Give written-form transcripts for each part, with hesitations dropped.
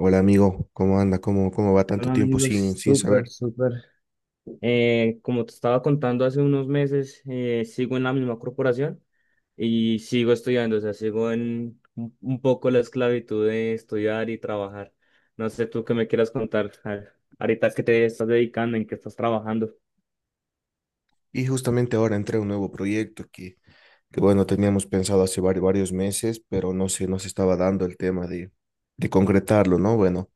Hola amigo, ¿cómo anda? ¿Cómo va tanto Hola tiempo sin, amigos, sin súper, saber? súper. Como te estaba contando hace unos meses, sigo en la misma corporación y sigo estudiando, o sea, sigo en un poco la esclavitud de estudiar y trabajar. No sé tú qué me quieras contar, ahorita qué te estás dedicando, en qué estás trabajando. Y justamente ahora entré a un nuevo proyecto que bueno, teníamos pensado hace varios meses, pero no se estaba dando el tema de concretarlo, ¿no? Bueno,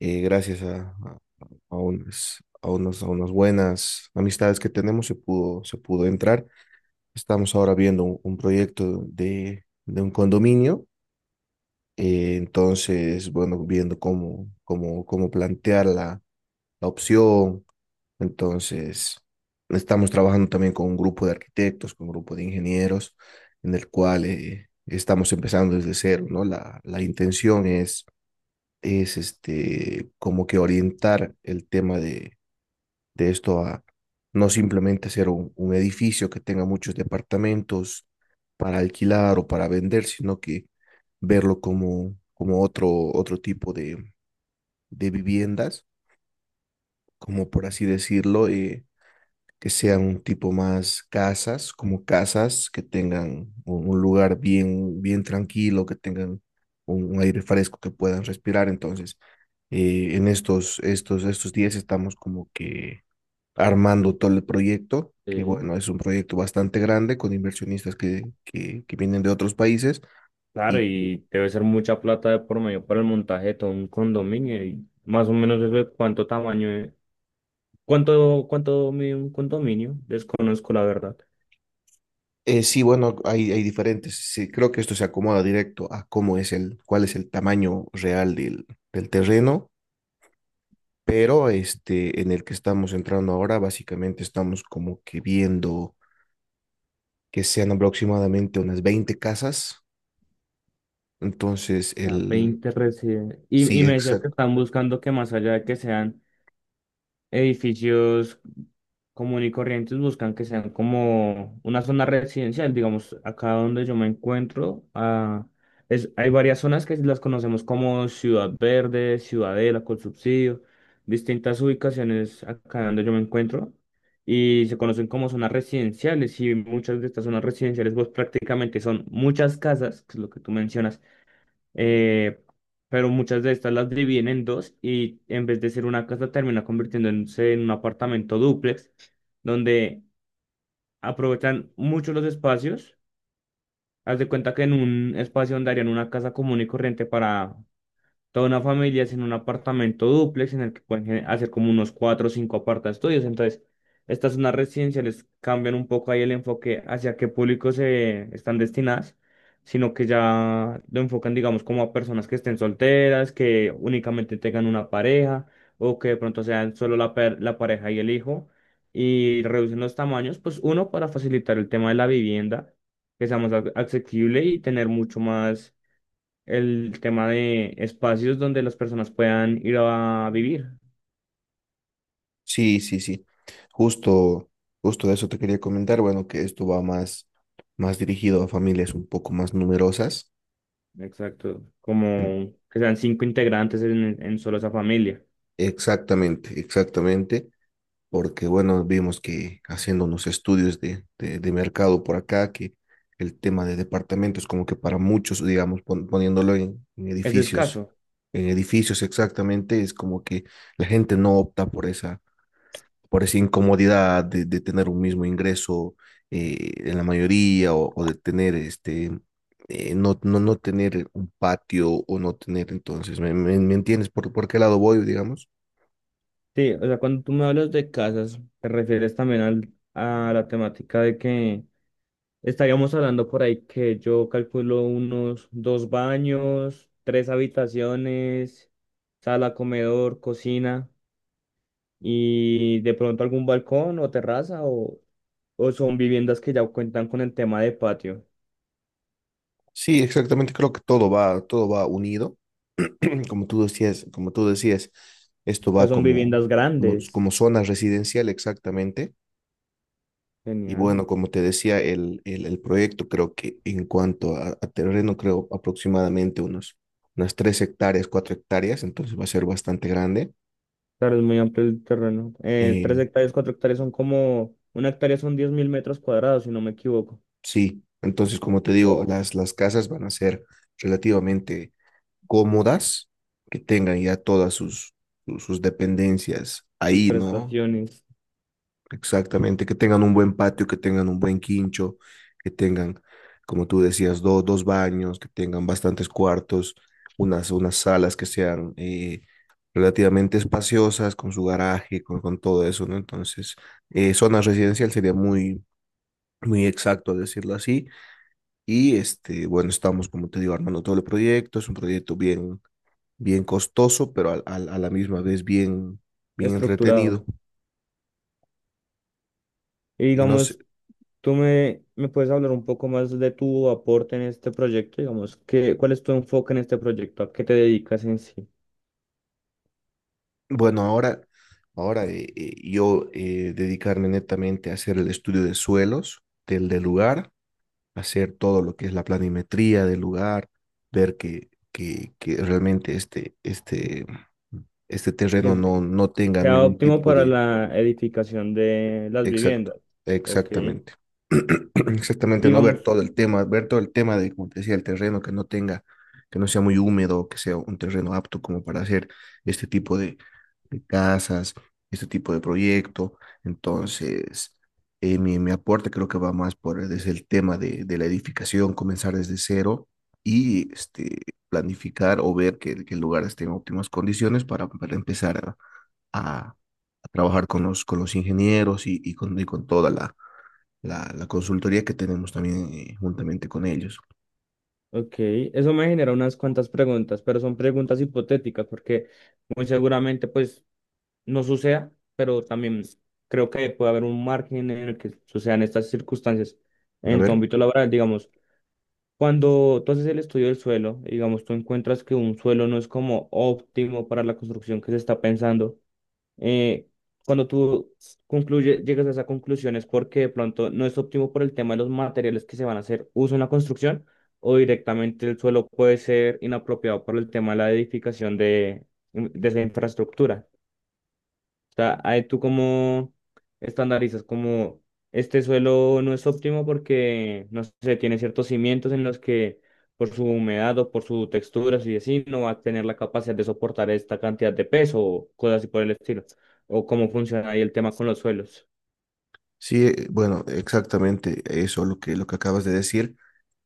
gracias a unas, a unos, a unas buenas amistades que tenemos se pudo entrar. Estamos ahora viendo un proyecto de un condominio. Entonces, bueno, viendo cómo plantear la opción. Entonces, estamos trabajando también con un grupo de arquitectos, con un grupo de ingenieros, en el cual estamos empezando desde cero, ¿no? La intención es como que orientar el tema de esto a no simplemente hacer un edificio que tenga muchos departamentos para alquilar o para vender, sino que verlo como otro tipo de viviendas, como por así decirlo. Que sean un tipo más casas, como casas que tengan un lugar bien tranquilo, que tengan un aire fresco que puedan respirar. Entonces, estos días estamos como que armando todo el proyecto, que Sí, bueno, es un proyecto bastante grande con inversionistas que vienen de otros países claro, y que y debe ser mucha plata de por medio para el montaje de todo un condominio y más o menos eso de cuánto tamaño, cuánto mide un condominio, desconozco la verdad. Sí, bueno, hay diferentes. Sí, creo que esto se acomoda directo a cómo es el, cuál es el tamaño real del terreno, pero este en el que estamos entrando ahora, básicamente estamos como que viendo que sean aproximadamente unas 20 casas. Entonces, Ah, el 20 residentes. Y sí, me decías que exacto. están buscando que más allá de que sean edificios común y corrientes, buscan que sean como una zona residencial. Digamos, acá donde yo me encuentro, ah, hay varias zonas que las conocemos como Ciudad Verde, Ciudadela, con subsidio, distintas ubicaciones acá donde yo me encuentro. Y se conocen como zonas residenciales y muchas de estas zonas residenciales pues prácticamente son muchas casas, que es lo que tú mencionas, eh, pero muchas de estas las dividen en dos y en vez de ser una casa termina convirtiéndose en un apartamento dúplex, donde aprovechan mucho los espacios. Haz de cuenta que en un espacio donde harían una casa común y corriente para toda una familia es en un apartamento dúplex en el que pueden hacer como unos cuatro o cinco aparta estudios. Entonces, estas zonas residenciales cambian un poco ahí el enfoque hacia qué público se están destinadas, sino que ya lo enfocan, digamos, como a personas que estén solteras, que únicamente tengan una pareja o que de pronto sean solo la pareja y el hijo. Y reducen los tamaños, pues uno, para facilitar el tema de la vivienda, que sea más asequible y tener mucho más el tema de espacios donde las personas puedan ir a vivir. Sí, sí, sí. Justo, Justo eso te quería comentar. Bueno, que esto va más dirigido a familias un poco más numerosas. Exacto. En- Como que sean cinco integrantes en solo esa familia. Exactamente, exactamente. Porque bueno, vimos que haciendo unos estudios de mercado por acá, que el tema de departamentos como que para muchos, digamos, poniéndolo en, Es escaso. en edificios exactamente, es como que la gente no opta por por esa incomodidad de tener un mismo ingreso, en la mayoría, o de tener no tener un patio o no tener. Entonces, me entiendes por qué lado voy, digamos? Sí, o sea, cuando tú me hablas de casas, te refieres también a la temática de que estaríamos hablando por ahí que yo calculo unos dos baños, tres habitaciones, sala, comedor, cocina. Y de pronto algún balcón o terraza o son viviendas que ya cuentan con el tema de patio. Sí, exactamente, creo que todo va unido. Como tú decías, esto Pues va son viviendas grandes. como zona residencial, exactamente. Y Genial. bueno, como te decía, el proyecto creo que en cuanto a terreno, creo aproximadamente unas 3 hectáreas, 4 hectáreas, entonces va a ser bastante grande. Claro, es muy amplio el terreno. Eh, 3 hectáreas, 4 hectáreas son como, una hectárea son 10.000 metros cuadrados, si no me equivoco. sí, entonces como te digo, Wow, las casas van a ser relativamente cómodas, que tengan ya todas sus dependencias sus ahí, ¿no? prestaciones, Exactamente, que tengan un buen patio, que tengan un buen quincho, que tengan, como tú decías, dos baños, que tengan bastantes cuartos, unas salas que sean relativamente espaciosas, con su garaje, con todo eso, ¿no? Entonces, zona residencial sería muy exacto decirlo así. Y este, bueno, estamos, como te digo, armando todo el proyecto, es un proyecto bien costoso, pero la misma vez bien entretenido. estructurado. Y Y no sé, digamos, tú me puedes hablar un poco más de tu aporte en este proyecto, digamos, cuál es tu enfoque en este proyecto? ¿A qué te dedicas en sí? bueno, ahora, ahora yo dedicarme netamente a hacer el estudio de suelos del lugar, hacer todo lo que es la planimetría del lugar, ver que realmente este terreno ¿Qué- no tenga sea ningún óptimo tipo para de. la edificación de las Exacto, viviendas. Ok. exactamente. Exactamente, no Digamos, ver todo el tema, ver todo el tema de, como te decía, el terreno que no tenga, que no sea muy húmedo, que sea un terreno apto como para hacer este tipo de casas, este tipo de proyecto. Entonces, mi aporte creo que va más por desde el tema de la edificación, comenzar desde cero y este, planificar o ver que el lugar esté en óptimas condiciones para empezar a trabajar con con los ingenieros y con toda la consultoría que tenemos también juntamente con ellos. ok, eso me genera unas cuantas preguntas, pero son preguntas hipotéticas porque muy seguramente pues no suceda, pero también creo que puede haber un margen en el que sucedan estas circunstancias A en tu ver, ámbito laboral, digamos. Cuando tú haces el estudio del suelo, digamos, tú encuentras que un suelo no es como óptimo para la construcción que se está pensando, eh, cuando tú concluye, llegas a esa conclusión es porque de pronto no es óptimo por el tema de los materiales que se van a hacer uso en la construcción o directamente el suelo puede ser inapropiado por el tema de la edificación de esa infraestructura sea, ahí tú como estandarizas como este suelo no es óptimo porque, no sé, tiene ciertos cimientos en los que por su humedad o por su textura, si así, no va a tener la capacidad de soportar esta cantidad de peso o cosas así por el estilo. O cómo funciona ahí el tema con los suelos. sí, bueno, exactamente eso lo lo que acabas de decir,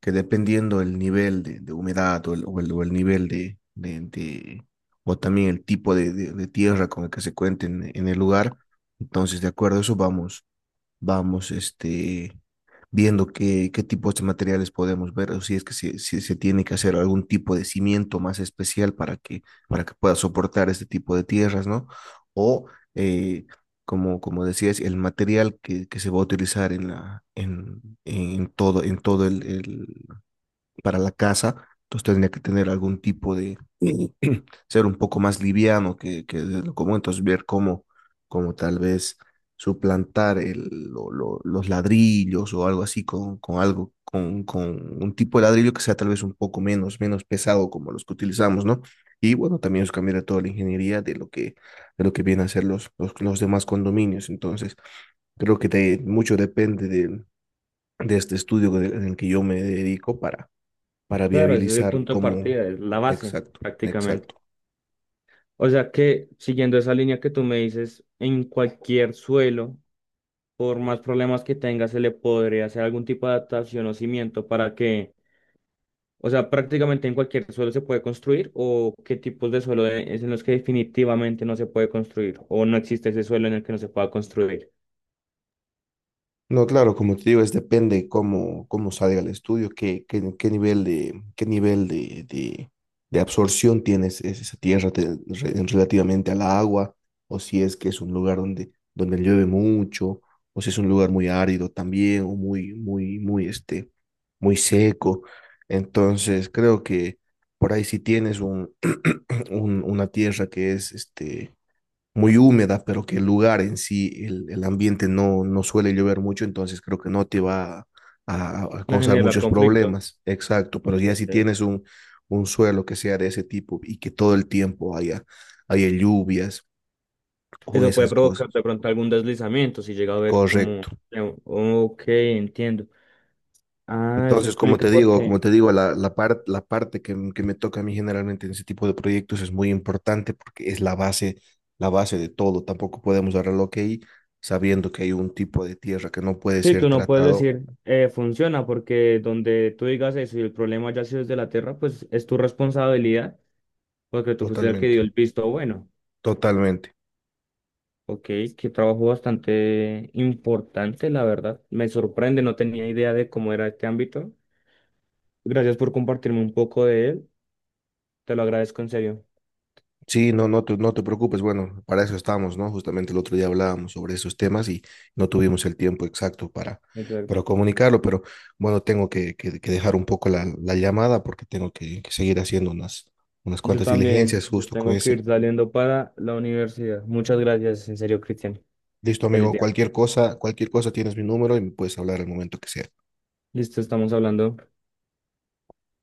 que dependiendo el nivel de humedad o el nivel o también el tipo de tierra con el que se cuente en el lugar, entonces de acuerdo a eso vamos, viendo qué, qué tipos de materiales podemos ver, o si es si se tiene que hacer algún tipo de cimiento más especial para que pueda soportar este tipo de tierras, ¿no? O, eh, como decías, el material que se va a utilizar en en todo para la casa, entonces tendría que tener algún tipo de, ser un poco más liviano que de lo común. Entonces ver cómo tal vez suplantar los ladrillos o algo así con algo, con un tipo de ladrillo que sea tal vez un poco menos pesado como los que utilizamos, ¿no? Y bueno, también es cambiar toda la ingeniería de lo de lo que vienen a ser los demás condominios. Entonces creo que mucho depende de este estudio en el que yo me dedico para Claro, ese es el viabilizar punto de cómo, partida, es la base exacto, prácticamente. exacto. O sea que siguiendo esa línea que tú me dices, en cualquier suelo, por más problemas que tenga, se le podría hacer algún tipo de adaptación o cimiento para que o sea, prácticamente en cualquier suelo se puede construir o qué tipos de suelo es en los que definitivamente no se puede construir o no existe ese suelo en el que no se pueda construir. No, claro, como te digo, es depende cómo salga el estudio, qué nivel de absorción tiene es esa tierra en relativamente al agua, o si es que es un lugar donde llueve mucho, o si es un lugar muy árido también, o muy, este, muy seco. Entonces, creo que por ahí si tienes un, una tierra que es muy húmeda, pero que el lugar en sí, el ambiente no suele llover mucho, entonces creo que no te va a A causar generar muchos conflicto. problemas. Exacto, pero ya si Ok. tienes un suelo que sea de ese tipo y que todo el tiempo haya lluvias o Eso puede esas cosas, provocar de pronto algún deslizamiento si llega a haber como... correcto. Ok, entiendo. Ah, eso Entonces, explica por como qué. te digo, la parte que, que me toca a mí generalmente en ese tipo de proyectos es muy importante porque es la base de todo. Tampoco podemos dar al ok sabiendo que hay un tipo de tierra que no puede Sí, ser tú no puedes tratado, decir funciona porque donde tú digas eso y el problema ya ha sido desde la tierra, pues es tu responsabilidad porque tú fuiste el que totalmente, dio el visto bueno. totalmente. Ok, qué trabajo bastante importante, la verdad. Me sorprende, no tenía idea de cómo era este ámbito. Gracias por compartirme un poco de él. Te lo agradezco en serio. Sí, no te no te preocupes. Bueno, para eso estamos, ¿no? Justamente el otro día hablábamos sobre esos temas y no tuvimos el tiempo exacto Exacto. para comunicarlo, pero bueno, tengo que dejar un poco la llamada porque tengo que seguir haciendo unas, unas Yo cuantas también, diligencias yo justo con tengo que ir ese. saliendo para la universidad. Muchas gracias, en serio, Cristian. Listo, Feliz amigo, día. Cualquier cosa tienes mi número y me puedes hablar al momento que sea. Listo, estamos hablando.